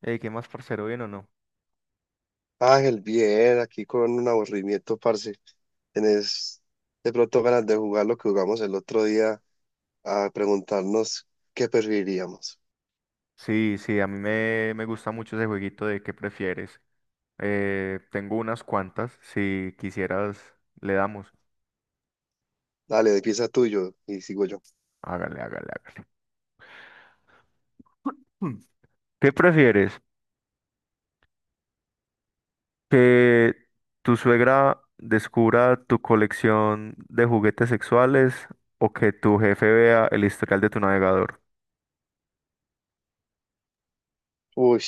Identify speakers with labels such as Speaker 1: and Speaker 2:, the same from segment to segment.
Speaker 1: Ey, ¿qué más, parcero? ¿Bien o no?
Speaker 2: Ángel, bien, aquí con un aburrimiento, parce. ¿Tenés de pronto ganas de jugar lo que jugamos el otro día a preguntarnos qué preferiríamos?
Speaker 1: Sí, sí, a mí me gusta mucho ese jueguito de qué prefieres. Tengo unas cuantas, si quisieras, le damos.
Speaker 2: Dale, empieza tuyo y sigo yo.
Speaker 1: Hágale, hágale, hágale. Hmm. ¿Qué prefieres? ¿Que tu suegra descubra tu colección de juguetes sexuales o que tu jefe vea el historial de tu navegador?
Speaker 2: Uy,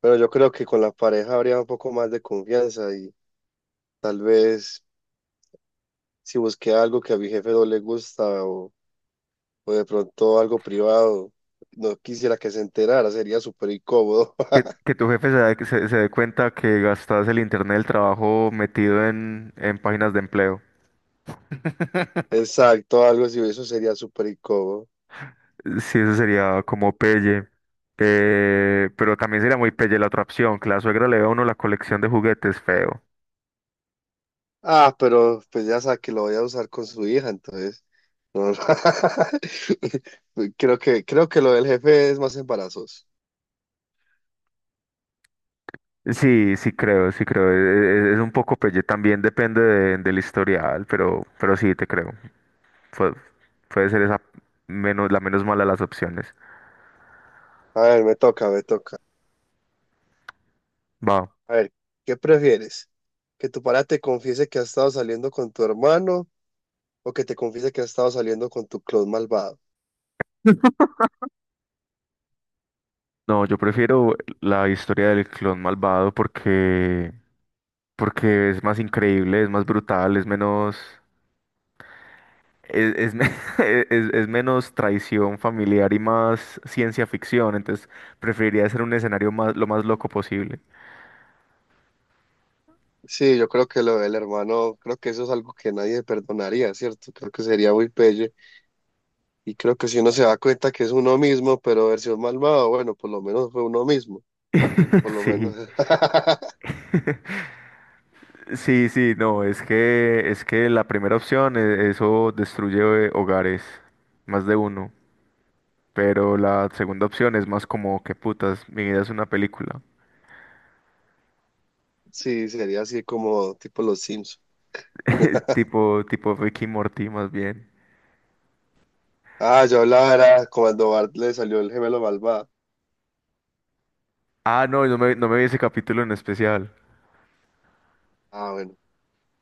Speaker 2: pero yo creo que con la pareja habría un poco más de confianza y tal vez si busqué algo que a mi jefe no le gusta o de pronto algo privado, no quisiera que se enterara, sería súper incómodo.
Speaker 1: Que tu jefe se dé cuenta que gastas el internet del trabajo metido en páginas de empleo.
Speaker 2: Exacto, algo así, eso sería súper incómodo.
Speaker 1: Sí, eso sería como pelle. Pero también sería muy pelle la otra opción, que la suegra le vea a uno la colección de juguetes feo.
Speaker 2: Ah, pero pues ya sabe que lo voy a usar con su hija, entonces. No, no. Creo que lo del jefe es más embarazoso.
Speaker 1: Sí, sí creo, sí creo. Es un poco pelle, también depende del historial, pero sí te creo. Pu- Puede ser esa menos, la menos mala de las opciones.
Speaker 2: A ver, me toca, me toca.
Speaker 1: Va.
Speaker 2: A ver, ¿qué prefieres? ¿Que tu pareja te confiese que has estado saliendo con tu hermano o que te confiese que has estado saliendo con tu clon malvado?
Speaker 1: No, yo prefiero la historia del clon malvado porque, porque es más increíble, es más brutal, es menos. Es, es me- es menos traición familiar y más ciencia ficción, entonces preferiría hacer un escenario más, lo más loco posible.
Speaker 2: Sí, yo creo que lo del hermano, creo que eso es algo que nadie perdonaría, ¿cierto? Creo que sería muy pelle. Y creo que si uno se da cuenta que es uno mismo, pero versión malvado, bueno, por lo menos fue uno mismo, por lo
Speaker 1: Sí,
Speaker 2: menos.
Speaker 1: sí, sí, no, es que la primera opción, eso destruye hogares, más de uno, pero la segunda opción es más como que putas, mi vida es una película,
Speaker 2: Sí, sería así como tipo los Sims.
Speaker 1: tipo, tipo Ricky y Morty más bien.
Speaker 2: Ah, yo hablaba era cuando Bart le salió el gemelo malvado.
Speaker 1: Ah, no, no me vi ese capítulo en especial.
Speaker 2: Ah, bueno,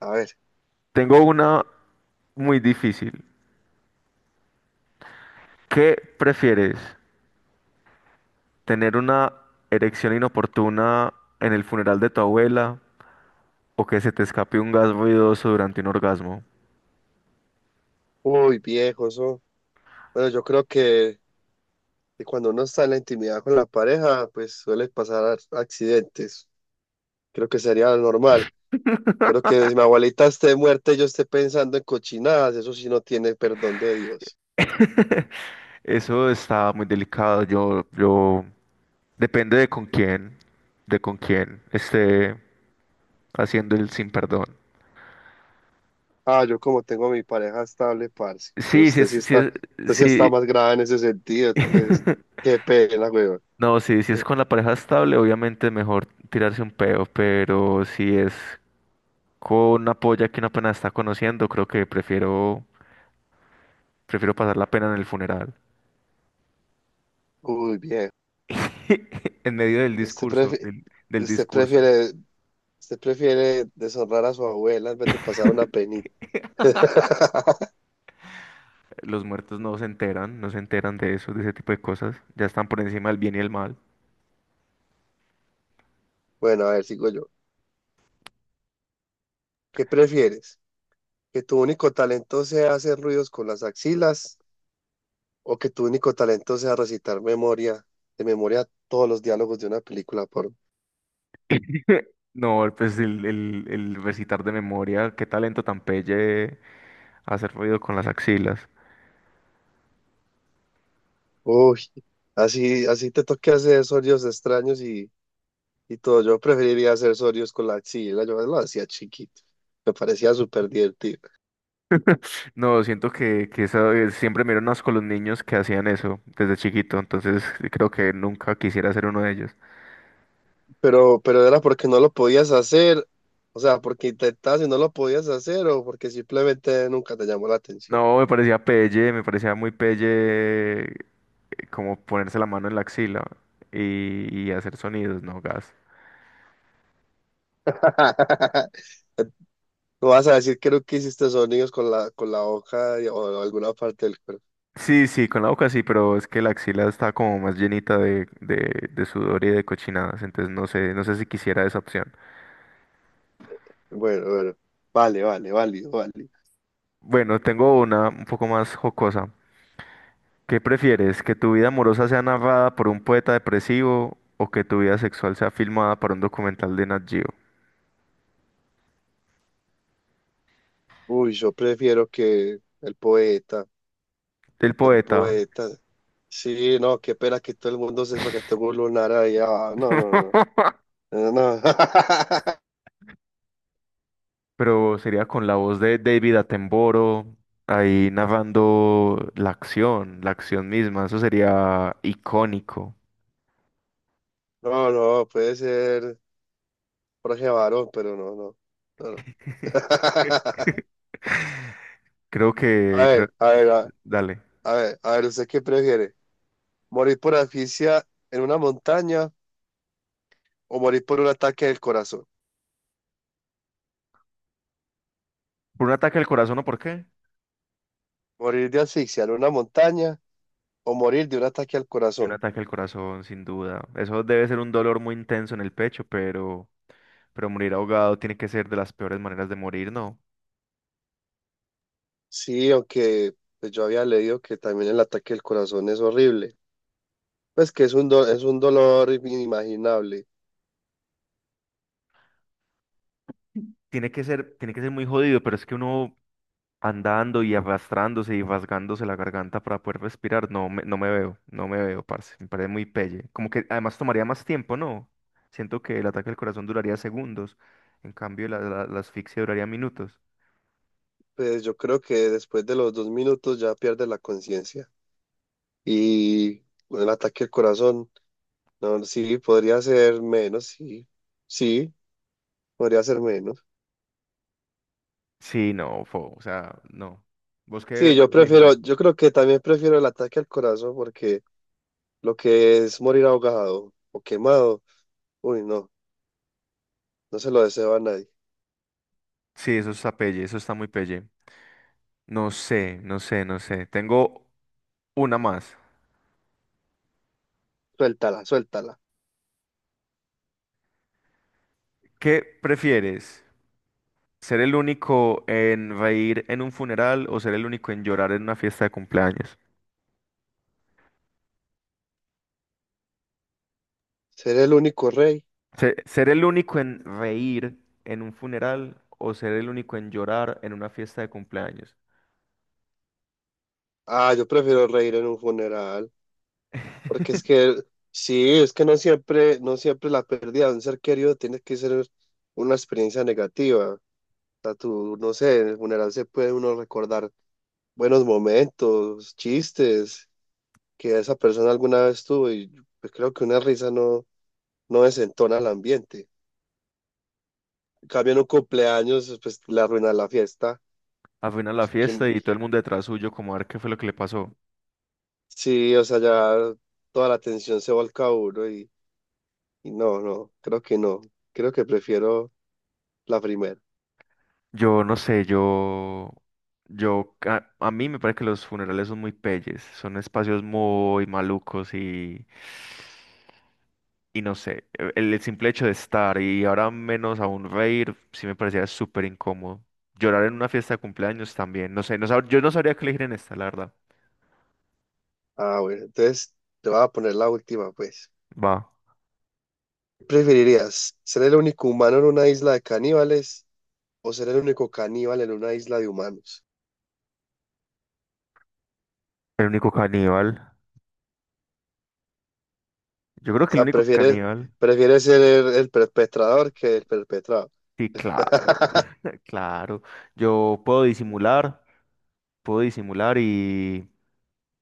Speaker 2: a ver.
Speaker 1: Tengo una muy difícil. ¿Qué prefieres? Tener una erección inoportuna en el funeral de tu abuela o que se te escape un gas ruidoso durante un orgasmo.
Speaker 2: Uy, viejo, eso. Bueno, yo creo que cuando uno está en la intimidad con la pareja, pues suele pasar accidentes. Creo que sería lo normal. Pero que si mi abuelita esté muerta y yo esté pensando en cochinadas, eso sí no tiene perdón de Dios.
Speaker 1: Eso está muy delicado. Yo, depende de con quién esté haciendo el sin perdón.
Speaker 2: Ah, yo como tengo a mi pareja estable, parce. Pero
Speaker 1: Sí, sí, es, sí,
Speaker 2: usted sí está
Speaker 1: sí,
Speaker 2: más grave en ese sentido, entonces, qué pena, weón.
Speaker 1: no, sí, si es con la pareja estable, obviamente es mejor tirarse un peo, pero si es con una polla que una pena está conociendo, creo que prefiero, prefiero pasar la pena en el funeral.
Speaker 2: Uy, bien.
Speaker 1: En medio del
Speaker 2: Usted
Speaker 1: discurso,
Speaker 2: prefiere,
Speaker 1: del
Speaker 2: usted
Speaker 1: discurso,
Speaker 2: prefiere, usted prefiere deshonrar a su abuela en vez de pasar una penita.
Speaker 1: los muertos no se enteran, no se enteran de eso, de ese tipo de cosas. Ya están por encima del bien y el mal.
Speaker 2: Bueno, a ver, sigo yo. ¿Qué prefieres? ¿Que tu único talento sea hacer ruidos con las axilas o que tu único talento sea recitar memoria, de memoria todos los diálogos de una película por...
Speaker 1: No, pues el recitar de memoria, qué talento tan pelle hacer ruido con las axilas.
Speaker 2: Uy, así, así te toque hacer sonidos extraños y todo. Yo preferiría hacer sonidos con la axila. Yo lo hacía chiquito. Me parecía súper divertido.
Speaker 1: No, siento que eso, siempre me dieron asco los niños que hacían eso desde chiquito, entonces creo que nunca quisiera ser uno de ellos.
Speaker 2: Pero era porque no lo podías hacer, o sea, porque intentabas y no lo podías hacer, o porque simplemente nunca te llamó la atención.
Speaker 1: No, me parecía pelle, me parecía muy pelle, eh, como ponerse la mano en la axila y hacer sonidos, no, gas.
Speaker 2: No vas a decir que nunca hiciste sonidos con con la boca o alguna parte del cuerpo.
Speaker 1: Sí, sí, con la boca sí, pero es que la axila está como más llenita de sudor y de cochinadas, entonces no sé, no sé si quisiera esa opción.
Speaker 2: Bueno, bueno, vale, vale, válido, válido.
Speaker 1: Bueno, tengo una un poco más jocosa. ¿Qué prefieres? ¿Que tu vida amorosa sea narrada por un poeta depresivo o que tu vida sexual sea filmada para un documental de Nat Geo?
Speaker 2: Uy, yo prefiero que el poeta,
Speaker 1: El
Speaker 2: el
Speaker 1: poeta,
Speaker 2: poeta. Sí, no, qué pena que todo el mundo sepa que tengo un lunar ahí. Ah, no, no, no. No,
Speaker 1: pero sería con la voz de David Attenborough, ahí narrando la acción misma, eso sería icónico.
Speaker 2: no, no, puede ser. Jorge varón, pero no, no. No, no.
Speaker 1: Creo
Speaker 2: A
Speaker 1: que, creo-
Speaker 2: ver, a ver, a
Speaker 1: Dale.
Speaker 2: a ver, a ver, ¿usted qué prefiere? ¿Morir por asfixia en una montaña o morir por un ataque del corazón?
Speaker 1: ¿Por un ataque al corazón o por qué?
Speaker 2: ¿Morir de asfixia en una montaña o morir de un ataque al
Speaker 1: Un
Speaker 2: corazón?
Speaker 1: ataque al corazón, sin duda. Eso debe ser un dolor muy intenso en el pecho, pero morir ahogado tiene que ser de las peores maneras de morir, ¿no?
Speaker 2: Sí, aunque pues, yo había leído que también el ataque del corazón es horrible. Pues que es un, es un dolor inimaginable.
Speaker 1: Tiene que ser muy jodido, pero es que uno andando y arrastrándose y rasgándose la garganta para poder respirar, no me veo, no me veo, parce. Me parece muy pelle. Como que además tomaría más tiempo, ¿no? Siento que el ataque al corazón duraría segundos, en cambio la asfixia duraría minutos.
Speaker 2: Pues yo creo que después de los 2 minutos ya pierde la conciencia. Y con el ataque al corazón. No, sí, podría ser menos, sí. Sí, podría ser menos.
Speaker 1: Sí, no, fo, o sea, no. ¿Vos qué
Speaker 2: Sí, yo prefiero,
Speaker 1: elegirías?
Speaker 2: yo creo que también prefiero el ataque al corazón porque lo que es morir ahogado o quemado, uy, no, no se lo deseo a nadie.
Speaker 1: Sí, eso está pelle, eso está muy pelle. No sé, no sé, no sé. Tengo una más.
Speaker 2: Suéltala, suéltala.
Speaker 1: ¿Qué prefieres? ¿Ser el único en reír en un funeral o ser el único en llorar en una fiesta de cumpleaños?
Speaker 2: Ser el único rey.
Speaker 1: ¿Ser el único en reír en un funeral o ser el único en llorar en una fiesta de cumpleaños?
Speaker 2: Ah, yo prefiero reír en un funeral porque es sí, es que no siempre, no siempre la pérdida de un ser querido tiene que ser una experiencia negativa. O sea, tú, no sé, en el funeral se puede uno recordar buenos momentos, chistes que esa persona alguna vez tuvo y pues creo que una risa no, no desentona el ambiente. En cambio, en un cumpleaños, pues le arruina la fiesta.
Speaker 1: Al final la
Speaker 2: Pues,
Speaker 1: fiesta
Speaker 2: ¿quién-
Speaker 1: y todo el mundo detrás suyo como a ver qué fue lo que le pasó.
Speaker 2: sí, o sea, ya toda la atención se volca a uno y no, no, creo que no. Creo que prefiero la primera.
Speaker 1: Yo no sé, yo, a mí me parece que los funerales son muy peyes, son espacios muy malucos y no sé, el simple hecho de estar y ahora menos aún reír, sí me parecía súper incómodo. Llorar en una fiesta de cumpleaños también, no sé, yo no sabría qué elegir en esta, la verdad.
Speaker 2: Ah, bueno, entonces te voy a poner la última, pues.
Speaker 1: Va,
Speaker 2: ¿Preferirías ser el único humano en una isla de caníbales o ser el único caníbal en una isla de humanos?
Speaker 1: el único caníbal. Yo creo
Speaker 2: O
Speaker 1: que el
Speaker 2: sea,
Speaker 1: único caníbal.
Speaker 2: prefiere ser el perpetrador que el perpetrado.
Speaker 1: Sí, claro, claro. Yo puedo disimular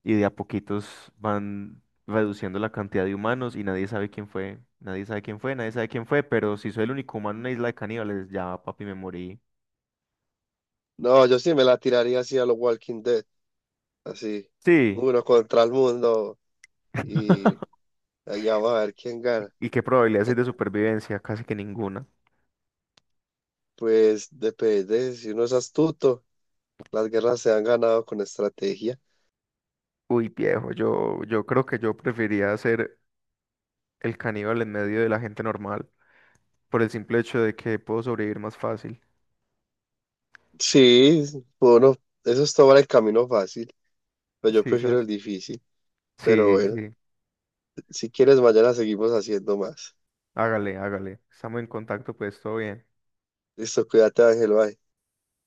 Speaker 1: y de a poquitos van reduciendo la cantidad de humanos y nadie sabe quién fue, nadie sabe quién fue, nadie sabe quién fue, pero si soy el único humano en una isla de caníbales, ya papi me morí.
Speaker 2: No, yo sí me la tiraría así a los Walking Dead, así,
Speaker 1: Sí.
Speaker 2: uno contra el mundo y allá vamos a ver quién gana.
Speaker 1: ¿Y qué probabilidades hay de supervivencia? Casi que ninguna.
Speaker 2: Pues depende, si uno es astuto, las guerras se han ganado con estrategia.
Speaker 1: Uy, viejo, yo creo que yo preferiría ser el caníbal en medio de la gente normal, por el simple hecho de que puedo sobrevivir más fácil.
Speaker 2: Sí, bueno, eso es tomar el camino fácil, pero yo
Speaker 1: Sí,
Speaker 2: prefiero
Speaker 1: ¿sabes?
Speaker 2: el difícil. Pero
Speaker 1: Sí,
Speaker 2: bueno,
Speaker 1: sí.
Speaker 2: si quieres mañana seguimos haciendo más.
Speaker 1: Hágale, hágale. Estamos en contacto, pues todo bien.
Speaker 2: Listo, cuídate, Ángel, bye.